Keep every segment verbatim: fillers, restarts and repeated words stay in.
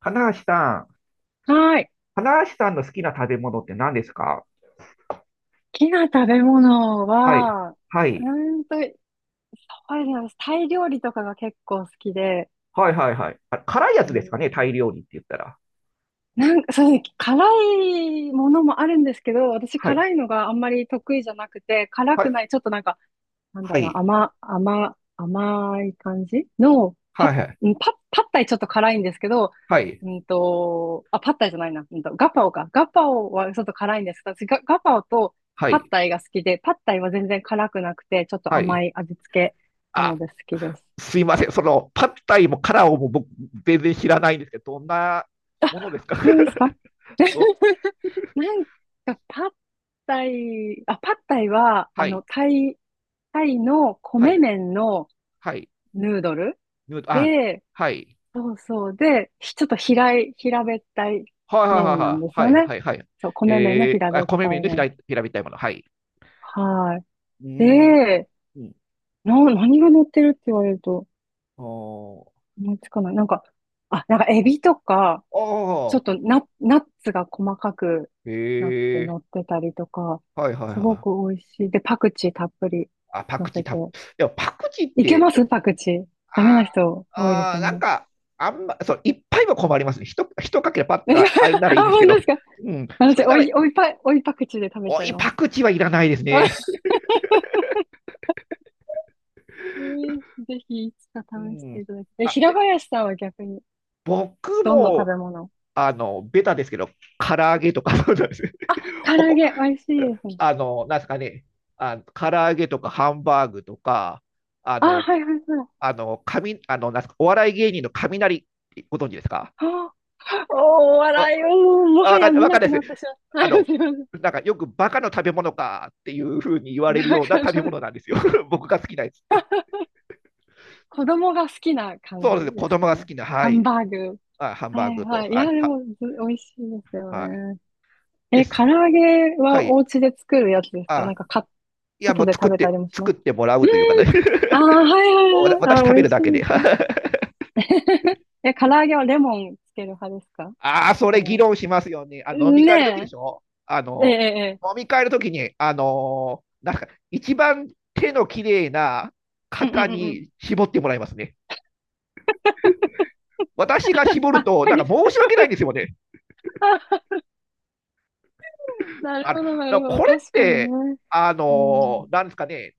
花橋さん、はい。好花橋さんの好きな食べ物って何ですか？きな食べ物はい。は、うはい。ーんと、そうですね。タイ料理とかが結構好きで、はいはいはい。あ、辛いやうつですん、かね、タイ料理って言ったら。なんか、そうですね。辛いものもあるんですけど、私はい。辛いのがあんまり得意じゃなくて、辛はくい。ない、ちょっとなんかなんだはろうな、い。甘、甘、甘い感じの、パッ、はいはい。うんパッ、パッタイちょっと辛いんですけど、はい。うんと、あ、パッタイじゃないな、うんと、ガパオか。ガパオはちょっと辛いんですけど私ガ、ガパオとはパッい。タイが好きで、パッタイは全然辛くなくて、ちょっとは甘い。い味付けなのあ、で好きです。すいません。その、パッタイもカラオも僕、全然知らないんですけど、どんなものですか？ 何ですか？ ど、なんか、パッタイ、あ、パッタイは、あはい。の、タイ、タイのは米い。麺のはい。ヌードルヌードあ、で、はい。そうそう。で、ひちょっと平い、平べったいはいはい麺なんですはよいはい。ね。はいはいはい。そう、米麺のえ平ー、あ、べっ米た麺いの平麺。ら平べったいもの。はい。はい。うーん。で、うん。な、何が乗ってるって言われるとあー思いつかない。なんか、あ、なんかエビとか、あちょっあ、とナ、ナッツが細かくなってへえ、乗ってたりとか、はいはいすごはくい。美味しい。で、パクチーたっぷりあ、パ乗クチーせて。たっぷり、でもパクチーっいけて、まちょ、すパクチー。ダメあな人多いでーすあー、よなんね。か、あんま、そう、いっぱいは困りますね。ひと、ひとかけらパッ とああれならいあ、いんですけ本当ど、ですか？うん、そ私、れなおら、い、おいパ、おいパクチーで食べちおゃいい、まパす。クチーはいらないですね。えーぜひいつかう試してん。いただきたい。え、あ、平で、林さんは逆に、僕どんな食も、べ物？あの、ベタですけど、唐揚げとか、そうなんですよ。 あ、唐お揚こ、げ、美味しいですね。あの、なんですかね、あ、唐揚げとかハンバーグとか、ああ、の、はいはいはい。あの、かみ、あの、なんすか、お笑い芸人の雷、ご存知ですか？あーおーわ、笑いを、もはわかやん、見わかなんなくいでなっす。てしまあった。はいの、すいません。なんかよくバカの食べ物かっていうふうに言われるなんようなか、食べ物なんですよ。僕が好きなやつって。子供が好きな感そうですね、じ子です供かが好ね。きな、はハンい。バーグ。あ、ハンバはーいグと、はい。いはや、い、では、も、ず美味しいですよはい、ね。でえ、唐す。揚げははおい。家で作るやつですか？なあ、んか、か、いや、外もうで作食っべたて、りもしま作っす。てもらううーというかね。ん。ああ、はいはいわ私はい。あ食ー、美べ味るしだけいで。ですね。 え、唐揚げはレモンつける派ですか？ああ、そえれ議ー論しますよね。あの飲み会の時でねしょ？あえ。えの、え、飲み会の時に、あのーなんか、一番手の綺麗なええ、うん方うんうんうん。に絞ってもらいますね。私が絞るあ、と、なん鍵か申し訳ないんですよね。あ、なるあの、ほだかど、ならるほど。これっ確かにて、ね。あうのーん。なんですかね、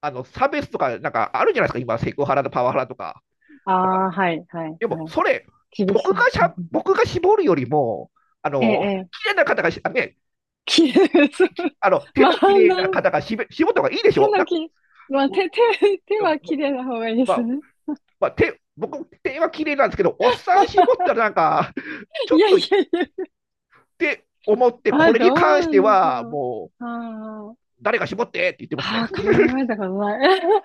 あの、差別とか、なんかあるじゃないですか、今、セクハラとパワハラとか。あなんかあ、はい、はい、でも、はい。それ、厳僕しい。がしうんゃ、うん僕が絞るよりも、あええ、の、ええ。綺麗な方がし、あね、きれい、そう。あの、手まあ、も綺麗ななん方がしべ絞った方がいいでし手ょ。のだき、まあ、手、手、手は綺麗な方がいいでますあ、ね。まあ、手、僕、手は綺麗なんですけど、おっさん絞ったらなんか、ちいょっやとっいやいや。て思って、まこあ、れにど関うしなてんでしは、ょう。もう、あ誰が絞ってって言ってますあ、あね。あ、考 えたことない。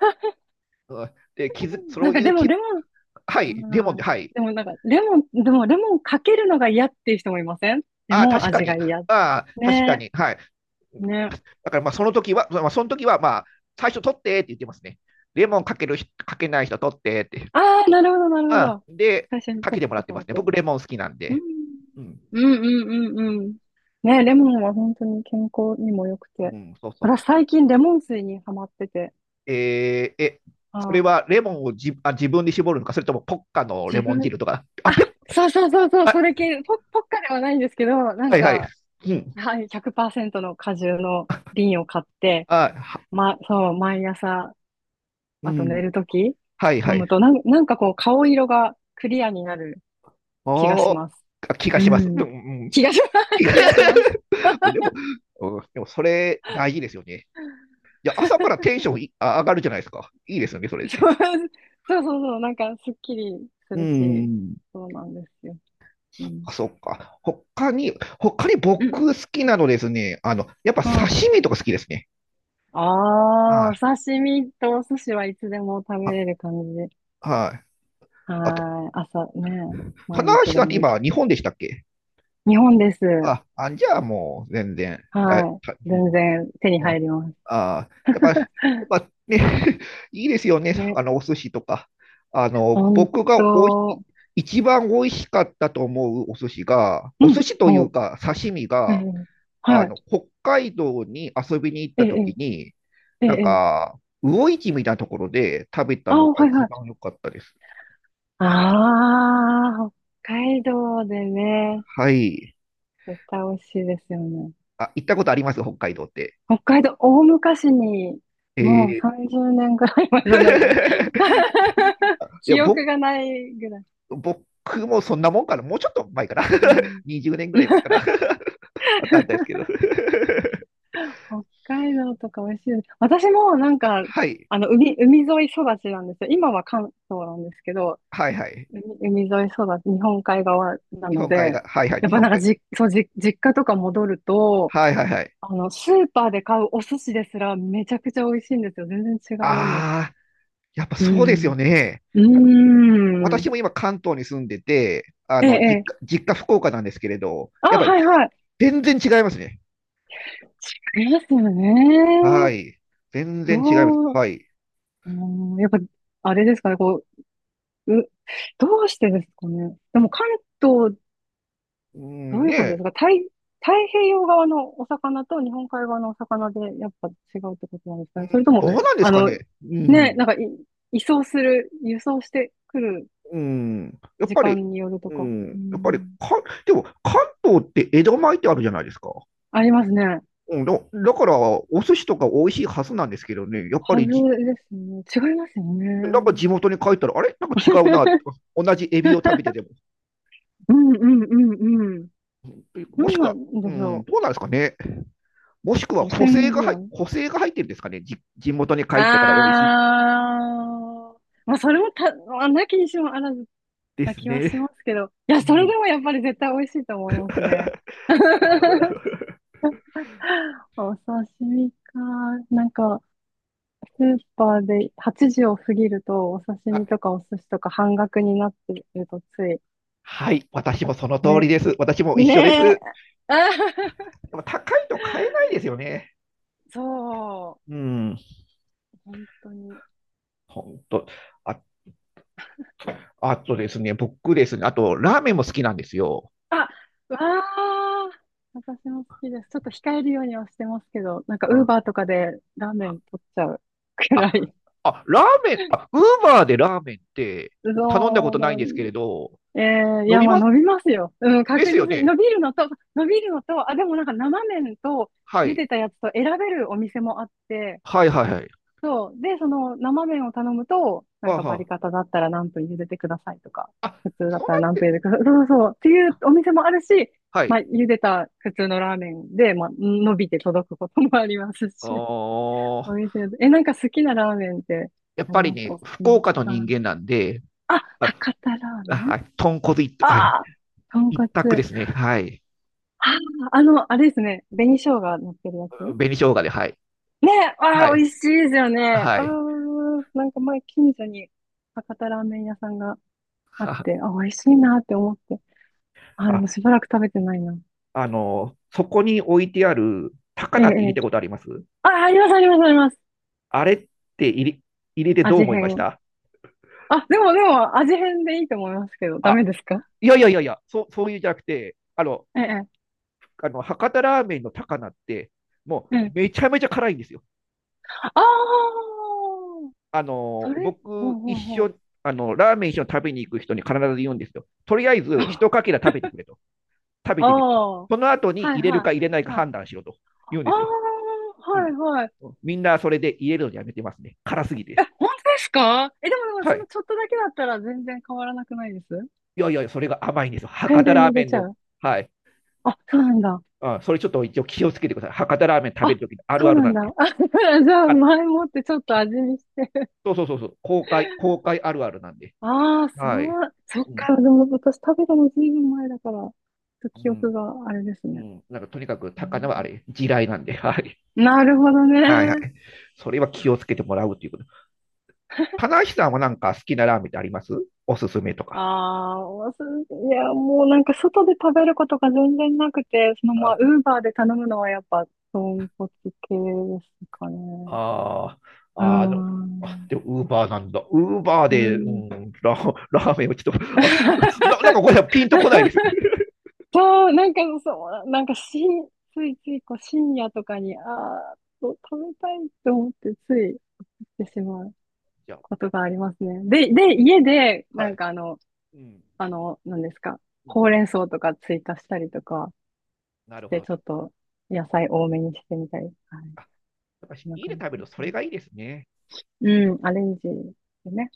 で、気づ、そなんうかいでうもき、レはモい、ン、レモンはで、い。はい。でもなんか、レモン、でもレモンかけるのが嫌っていう人もいません？レああ、モン確か味がに。嫌。ああ、確かねに。はい。ね。だから、まあ、その時は、まあ、その時は、まあ、最初取ってって言ってますね。レモンかけるかけない人取ってって。ああ、なるほど、なるほああ、ど。で、最初にかちょけってもらっとてま思っすね。て。僕、レモン好きなんうん。で。うん。うんうんうんうん。ね、レモンは本当に健康にも良くうて。ん、そうそうそ私う。最近レモン水にハマってて。えーえ、それあ、はレモンをじあ自分で絞るのか、それともポッカのレ自モン分、汁とか。あ、あ、ペッ、そうそうそうそう、そあ、れ系、ポ、ポッカではないんですけど、なはんいはい。か、うん。はい、ひゃくパーセントの果汁の瓶を買って、あ、はま、そう、毎朝うあと寝ん。るときはい飲はい。むとなん、なんかこう顔色がクリアになる気がしおー、ます。あ気がうします。うん。ん、うん。気がしま気す。が 気がします。でも、うん、でもそれ大事ですよね。いや、朝からテンションいあ上がるじゃないですか。いいですよね、それで。そうそうそうそう、なんかすっきりすうるし、ん。そうなんですよ。うん。あ、そっか。他に、他にうん。僕好きなのですね。あの、やっぱはい、刺身とか好きですね。あ。はあーおい。刺身とお寿司はいつでも食べあ、れる感じで。はい。あと、はい。朝ね、花毎日橋さでんってもいけ今、る。日本でしたっけ？日本です。あ、あ、じゃあもう全然、だはい、たい。全も然手にう、うん入ります。あー、やっぱ、やっぱね、いいですよね、ね。あの、お寿司とか。あの、ほん僕がおい、と、一番美味しかったと思うお寿司が、おうん、寿司というそか刺身う。うが、ん。あはい。の、北海道に遊びに行っえた時え、に、ええ、なんええ。か、魚市みたいなところで食べたあのあ、がはいは一い。番良かったです。ああ、北海道でね、はい。絶対美味しいですよね。あ、行ったことあります北海道って？北海道、大昔に、えもうー さんじゅうねんぐらい前じゃないかな。い や、記憶僕がないぐらい。僕もそんなもんかな、もうちょっと前かな、うん、にじゅうねんぐらい前かな、わかんないですけど。北海道とか美味しいです。私もなんはか、はい、あの、海、海沿い育ちなんですよ。今は関東なんですけど、はいはい。海、海沿い育ち、日本海側な日の本海で、側、はいはい、やっ日ぱな本んか海側。じ、そう、じ、実家とか戻ると、はいはいはい。あの、スーパーで買うお寿司ですらめちゃくちゃ美味しいんですよ。全然違うんですよ。ああ、やっぱうそうですよん。ね。うあの、ーん。私も今関東に住んでて、あええ、の、実え家、え。実家福岡なんですけれど、あ、やっぱりはいはい。全然違いますね。違いますよはね。い。全然違います。どう、はい。うん、やっぱ、あれですかね、こう、う、どうしてですかね。でも関東、うどん、ういねうことでえ、すか？太、太平洋側のお魚と日本海側のお魚でやっぱ違うってことなんですかね。それとも、どうなんですあかの、ね。うね、ん、なんかい、移送する、輸送してくるうん、やっ時ぱり、間によるとうか。ん、うやっぱりか、ん。でも関東って江戸前ってあるじゃないですか。ありますね。うん、だだから、お寿司とか美味しいはずなんですけどね、やっぱはずりじ、ですね。違いますよなんかね。地元に帰ったら、あれなんか違うな、同じエビを食べてても。うんうんうんうん。うんなもしんくなは、んうでしん、ょどうなんですかね。もしくはう。汚補正染が具入合。補正が入ってるんですかね。じ地元に帰ってから美味しいあー。まあ、それもた、まあ、なきにしもあらずでなす気はしまね。すけど。いや、うそれん、でもやっぱり絶対美味しいと思いますね。なるほど、なる ほど。お刺身か。なんか、スーパーではちじを過ぎると、お刺身あとかお寿司とか半額になってるとついはい、私もその通りね、です。私も一緒でねえ。す。あ でも高いと買えないですよね。そう。うん、本当に。本当。あ、あとですね、僕ですね、あと、ラーメンも好きなんですよ。あ、わあ。私も好きです。ちょっと控えるようにはしてますけど、なんかうウーんバーとかでラーメン取っちゃうくらあ、い。あ、ラーメン、あ、ウーバーでラーメンって頼んだこそとうないなんですけん。れど、えー、い伸や、びまあます、伸びますよ。うん、で確す実よに。ね。伸びるのと、伸びるのと、あ、でもなんか生麺とは茹い。でたやつと選べるお店もあって、はいはいはい。そう。で、その生麺を頼むと、なんあかバリは。カタだったら何分茹でてくださいとか、あ、普通だっそうたならっ何分茹て、でてください。そうそうそう。っていうお店もあるし、はまあ、い。茹でた普通のラーメンで、まあ、伸びて届くこともありますあし。おー店で、え、なんか好きなラーメンってやっあぱりります？ね、おすす福め。岡のあ、人間なんで、あ、あ、博多ラーあメン。はい、豚骨一、はい、ああー、豚一択骨。ですね。はい。ああ、あの、あれですね。紅生姜乗ってるやつ。紅生姜で、はい。ねえ、あはあ、い。美味しいですよね。はああ、い。なんか前近所に博多ラーメン屋さんがあっは、て、あ、美味しいなって思って。あ、であ、もしばらく食べてないな。あの、そこに置いてある高ええ、え菜って入れえ。たことあります？あ、あります、あります、あります。あれって入れ、入れてどう味思いまし変。た？あ、でも、でも、味変でいいと思いますけど、ダメあ、ですか？いやいやいやいや、そう、そういうじゃなくて、あの、ええ、あの博多ラーメンの高菜って、もええ。うええめちゃめちゃ辛いんですよ。ああ、あその、れ、ほ僕、うほ一うほう。緒、あの、ラーメン一緒に食べに行く人に必ず言うんですよ。とりあえず、一か けら食べてくれと。食べあてみる。あ、はその後にい入れるはか入れないかい。はい。判断しろと言うんあですよ。あ、うはいん。はい。みんなそれで入れるのやめてますね。辛すぎて。本当ですか？え、でもでも、はそい。のちょっとだけだったら全然変わらなくないです？いやいや、それが甘いんですよ。大博多量にラー入メれンちゃの、う？はい。あ、そうなんだ。うん、それちょっと一応気をつけてください。博多ラーメン食べあ、るときのあるそあうるななんんで。だ。あ、だからじゃああ、前もってちょっと味見して。そうそうそうそう、公開、公開あるあるなんで。ああ、そはい。う、そっうん、か。でも私食べたのずいぶん前だから、ちょっとう記ん、憶があれですうね。ん。なんかとにかくう高菜はあんれ、地雷なんで。はい。なるほどはいはね。い。それは気をつけてもらうということ。棚橋さんはなんか好きなラーメンってあります？おすすめとあか。あ、おすいや、もうなんか外で食べることが全然なくて、そのあまあ、ウーバーで頼むのはやっぱ、豚骨系ですかね。あー、うーあーあの、あ、ん。でも、ウーバーなんだ。ウーバーうで、うん。ん、ラ、ラーメンをちょっと、あ、な、なんかこれはピンとこないです。そう、なんかそう、なんかし、ついついこう深夜とかに、ああ、そう食べたいと思ってつい行ってしまうじゃことがありますね。で、で、家で、はなんい。かあの、うん。あの、何ですか、うんほうれん草とか追加したりとかなしるほて、どちょな。っと野菜多めにしてみたり、はい、あ、やっぱそんな家で感じ食べでるとそすれね。がいいですね。うん、アレンジね。